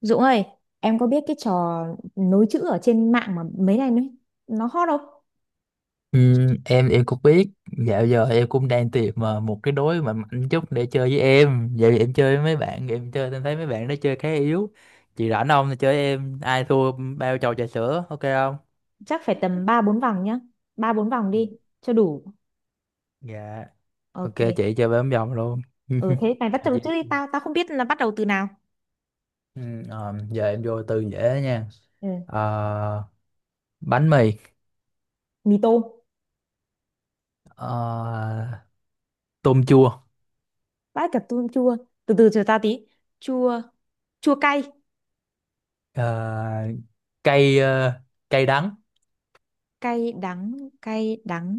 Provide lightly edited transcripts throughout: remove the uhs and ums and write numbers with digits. Dũng ơi, em có biết cái trò nối chữ ở trên mạng mà mấy này nó hot không? Ừ. Em cũng biết, dạo giờ em cũng đang tìm mà một cái đối mà mạnh chút để chơi với em. Dạo giờ em chơi với mấy bạn em chơi, em thấy mấy bạn nó chơi khá yếu. Chị rảnh không thì chơi với em, ai thua bao chầu trà sữa, ok không? Chắc phải tầm 3 4 vòng nhá. Ba 4 vòng đi cho đủ. Dạ, ok, Ok. chị chơi bấm vòng luôn. Ừ, thế mày bắt Chào đầu trước chị. đi tao không biết là bắt đầu từ nào. ừ, Giờ em vô từ dễ nha. Ừ, Ờ, Bánh mì. mì tôm, ờ, Tôm chua. bát cà tôm chua. Từ từ chờ tao tí. Chua, chua cay, ờ, cây ờ, Cây đắng. cay đắng, cay đắng,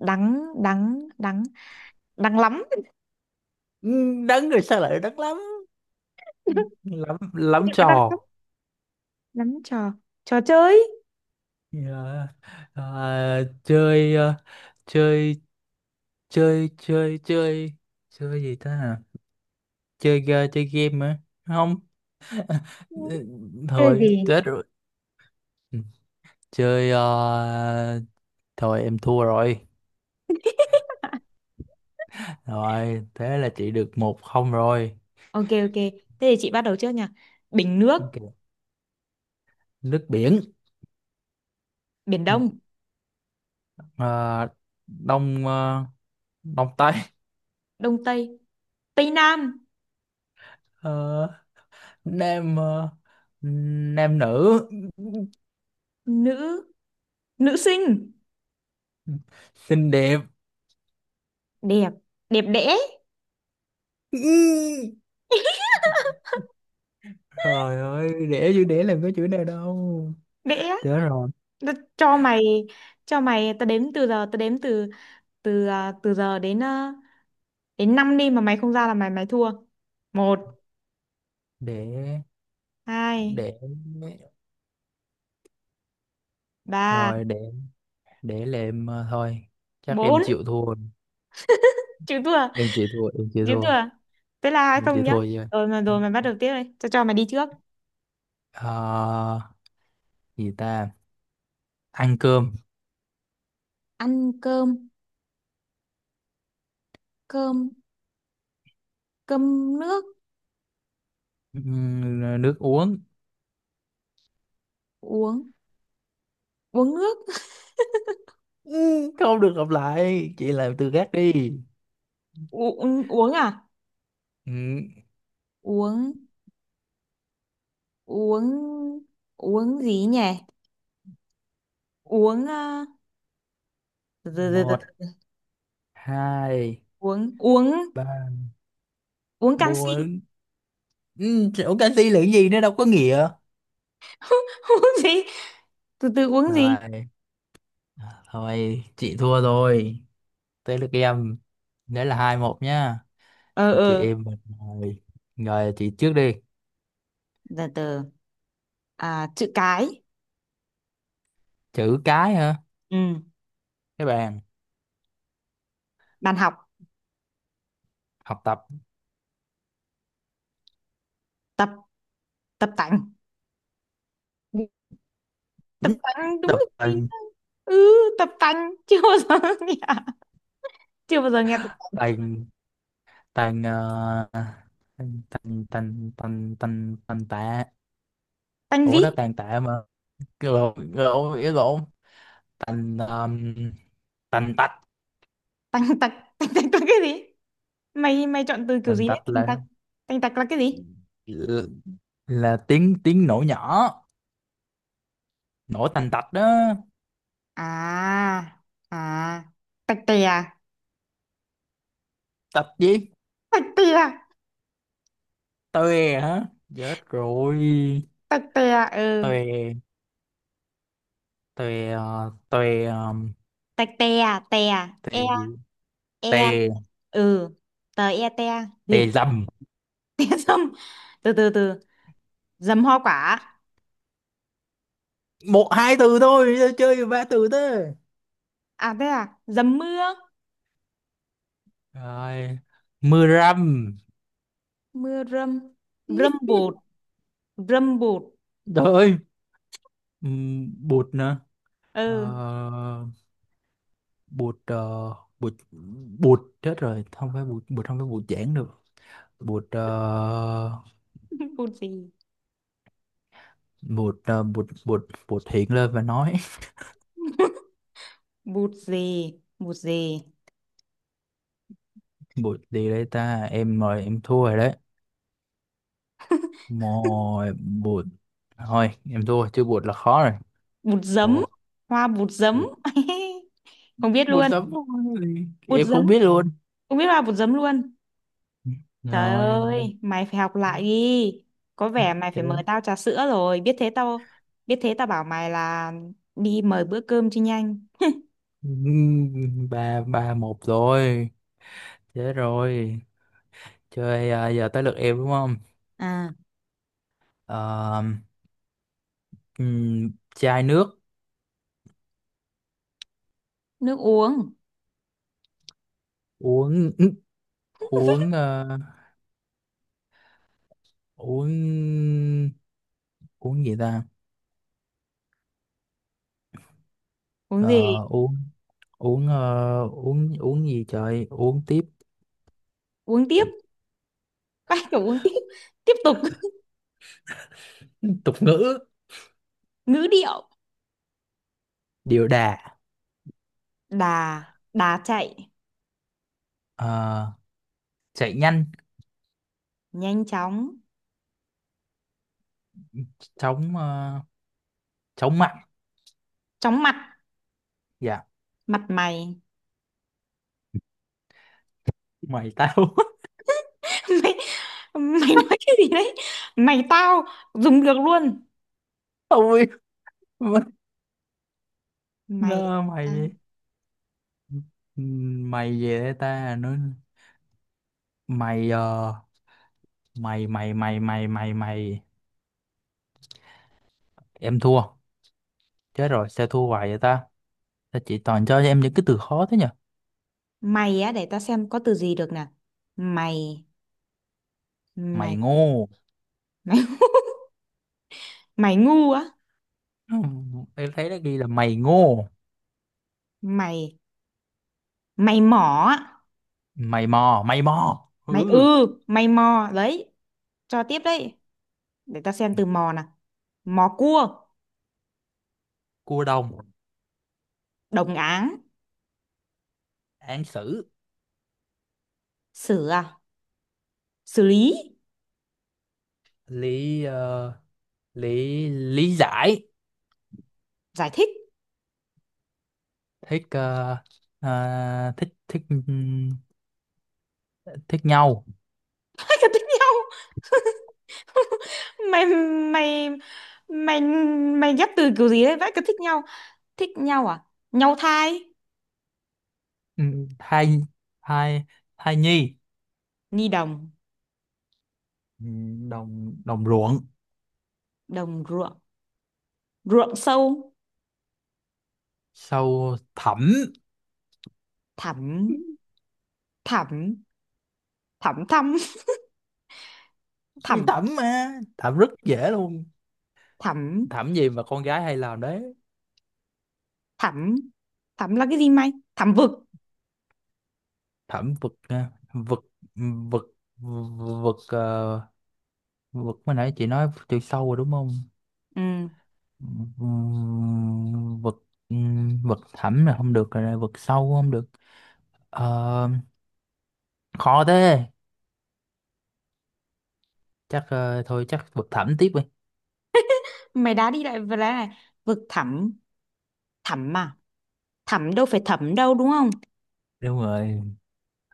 đắng đắng đắng, đắng lắm. Ừ, đắng rồi sao lại đắng lắm, lắm lắm Đắng trò. lắm. Lắm trò, trò chơi. Ờ, ờ, chơi ờ, chơi chơi chơi chơi Chơi gì ta hả? Chơi game á. Không. Ừ. ừ, Chơi Thôi gì? chết rồi. Ừ, chơi ờ, thôi em thua rồi. Rồi thế là chị được 1-0 rồi. Ok, ok, thế thì chị bắt đầu trước nha. Bình nước. Ok. Nước biển. Biển Ừ. Đông, ờ, đông ờ, Đông tây. Đông Tây, Tây Nam, Ờ, nam ờ, Nam nữ. nữ, nữ sinh, Xinh đẹp. đẹp, đẹp đẽ, Ừ. Trời ơi, đẻ chữ đẻ làm có chữ nào đâu. đẽ. Thế rồi, Đ- cho mày, tao đếm từ giờ, tao đếm từ từ à, từ giờ đến năm đi mà mày không ra là mày mày thua. Một, để hai, để ba, rồi để để là em thôi. Chắc em bốn, chịu thua. chữ thua, Em chịu thua, em chịu chữ thua. thua. Thế là hai Em không chịu nhá. thua chứ. Rồi mày bắt đầu tiếp đây, tao cho mày đi trước. Ờ, Gì ta? Ăn cơm. Ăn cơm, cơm, cơm nước, Ờ, Nước uống. uống, uống nước. Ừ, không được lặp lại, chị làm từ khác đi. uống uống à? Ừ, Uống uống uống gì nhỉ, uống từ từ từ từ một, từ. hai, Uống uống ba, uống canxi. bốn. Ừ, chỗ canxi là cái gì nó đâu có nghĩa. Uống gì, từ từ, uống gì Rồi, thôi chị thua rồi. Tới lượt em, đấy là 2-1 nhá. ờ Chị ờ em mình rồi. Rồi chị trước đi. từ từ. À, chữ cái. Chữ cái hả? Ừ, Các bạn. bàn học Học tập. tập. Tập tành, tập tành đúng Tập là gì? tành. Ừ, tập tành. Chưa bao giờ nghe, chưa bao giờ nghe tập Tành tành tành tành tành tành tành tành tạ. tành gì. Ủa đó tàn tạ mà. Cái lộn, ý lộn. Tành, tành tạch. Tành tạch, tành tạch là cái gì? Mày mày chọn từ kiểu Tành gì đấy tạch tành là, tạch? Tành tạch là cái gì? Tiếng tiếng nổ nhỏ, nổ tành tạch đó. À à tạch tè à? Tạch gì? Tạch tè, Toe hả? Chết rồi. tạch tè, ừ, Toe. tôi ờ, tôi ờ, tạch tè, tè, Tề e, gì? e, Tề ừ, tờ e te việt. Tề dầm. Te dâm, từ từ từ, dầm hoa quả. Một, hai từ thôi sao chơi ba từ thế? À thế à, dầm mưa, Rồi, mưa rằm. mưa râm, râm bụt, râm bụt, Trời ơi. Bụt nữa. Ờ, ừ. Bụt Bụt chết rồi, không phải bụt. Không phải bụt giảng được. bụt ờ, Bụt gì? Bụt bụt Bụt hiện lên và nói. Bụt gì? Bụt gì? Bụt gì đây ta, em mời, em thua rồi đấy. Mồi bụt, thôi em thua chứ bụt là khó rồi. Bụt giấm, hoa bụt Ồ. giấm. Không biết Buổi luôn, sớm, bụt em giấm, không biết luôn. không biết hoa bụt giấm luôn. Trời Rồi ơi, mày phải học lại đi. Có vẻ mày phải chết, mời tao trà sữa rồi. Biết thế tao bảo mày là đi mời bữa cơm cho nhanh. ba ba một rồi, chết rồi. Chơi à, giờ tới lượt em đúng không? À, Ờ, Chai nước. nước uống. Uống. uống ờ, uống Uống gì ta? Uống gì? Ờ, uống uống ờ, uống Uống gì trời, uống tiếp. Uống tiếp. Bắt đầu uống tiếp. Tiếp tục. Tục ngữ. Ngữ điệu. Điều đà. Đà, đà chạy. Ờ, Chạy nhanh. Nhanh chóng. chóng ờ, Chóng mặt. Chóng mặt. Dạ. Mặt mày. Mày tao. Mày, mày nói cái gì đấy? Mày tao dùng được luôn. Ôi mất, Mày, nó mày vậy. Mày về đây ta nói. mày ờ, mày mày mày mày mày Mày. Em thua, chết rồi, sao thua hoài vậy ta? Sao chị toàn cho em những cái từ khó thế nhỉ? mày á, để tao xem có từ gì được nè. Mày, Mày mày, ngô. mày. Mày ngu á. Ừ, em thấy nó ghi là mày ngô. Mày mày mỏ á, Mày mò, mày ư, ừ. mày mò đấy, cho tiếp đấy, để ta xem từ mò nào. Mò cua, Cua đồng. đồng áng, Án xử. xử à, xử lý, lý ờ, Lý giải. giải thích. thích ờ, thích Thích, thích nhau. Hai cái thích nhau. mày mày mày mày ghép từ kiểu gì đấy, vãi cả thích nhau. Thích nhau à, nhau thai, Ừ, thai thai Thai nhi. ni đồng, Ừ, đồng đồng ruộng. đồng ruộng, ruộng sâu, Sau thẩm. thẳm, thẳm thẳm thăm. Cái Thẳm, thẩm mà, thẩm rất dễ luôn. thẳm, Thẩm gì mà con gái hay làm đấy. thẳm, thẳm là cái gì mày? Thẳm vực, Thẩm vực à, vực vực vực ờ, vực, mới nãy chị nói chiều sâu rồi đúng không? ừ. Vực, vực thẩm là không được rồi, vực sâu không được. Ờ, Khó thế. Thôi chắc vực thẩm tiếp đi. Mày đá đi lại vừa đá này, vực thẳm, thẳm à, thẳm đâu phải thẩm đâu đúng không? Đúng rồi,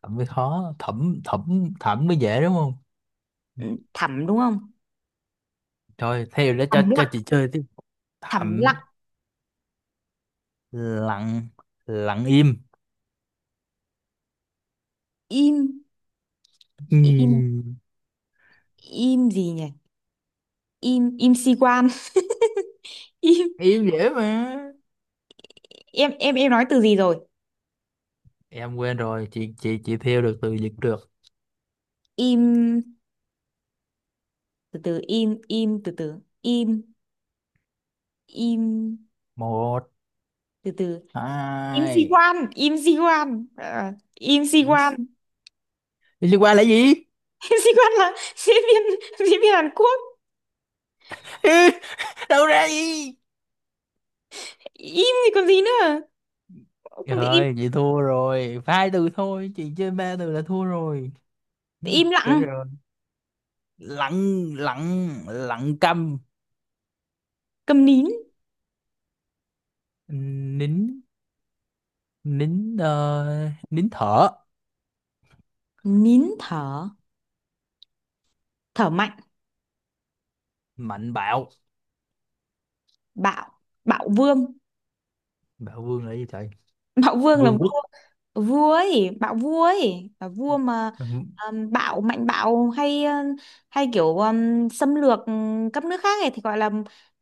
thẩm mới khó, thẩm thẩm thẩm mới dễ đúng không? Ừ. Ừ, thẳm đúng không? Thôi theo để Thầm cho lặng, chị chơi tiếp. thầm Thẩm lặng, lặng. Lặng im. im, Ừ. im, im gì nhỉ? Im, im si quan. Im dễ mà. Im, em nói từ gì rồi? Em quên rồi, chị theo được từ dịch được. Im, từ từ, im im, từ từ, im im, Một, từ từ. Im si hai. quan, im si quan. Ờ, im si quan. Đi liên quan là gì? Im si quan là diễn viên, diễn viên Hàn Quốc. Ê, đâu ra gì. Im thì còn gì nữa, không thì im. Rồi chị thua rồi, hai từ thôi chị chơi ba từ là thua rồi. Im Chết lặng, rồi. Lặng lặng Lặng câm. câm nín, Nín. Nín thở. nín thở, thở mạnh, Mạnh bạo. bạo, bạo vương. Bạo vương là gì trời. Bạo vương là Vương quốc. vua, vua ấy bạo, vua ấy là vua mà. Ừm, Bạo mạnh bạo hay hay kiểu xâm lược các nước khác ấy thì gọi là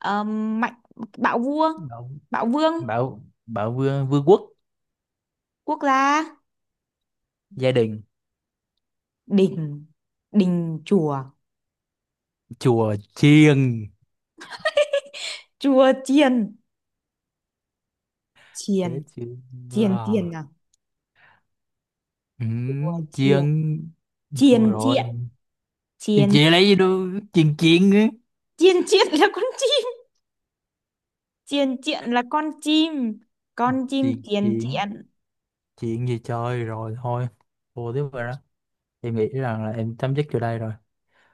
mạnh. Bạo vua, bạo bạo vương, bạo Bạo vương, vương quốc. quốc gia, Gia đình. đình, đình chùa, Chùa chiêng. chùa chiền, Chết chiền, chưa? chiền, chiền à, chùa chiền, Chiêng. Thôi chiền chiện, rồi, chiền, chị lấy gì đâu. Chuyện, chuyện á, chiên chiết là con chim, chiên chiện là con chim, con chim chuyện chiên chuyện chiện. chuyện gì, chơi rồi thôi. Thua tiếp rồi đó. Em nghĩ rằng là em chấm dứt chỗ đây rồi.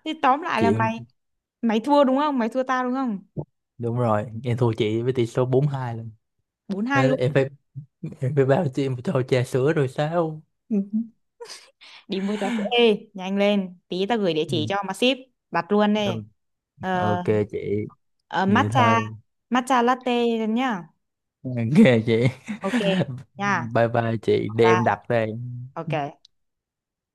Thế tóm lại là mày, Chuyện. mày thua đúng không, mày thua tao đúng không? Đúng rồi, em thua chị với tỷ số 4-2 lần. 4-2 Thế là luôn. em phải... Rồi bao chị một tô trà sữa rồi sao? Ừ. Đi mua trà sữa, ê, nhanh lên tí, tao gửi địa Ừ. chỉ cho mà ship, đặt luôn đi. Ừ, ờ, ok chị, ờ, vậy Matcha, thôi. matcha latte nhá. Ok chị. Ok. Nha. Bye bye chị, để Ba. em đặt đây. Ok.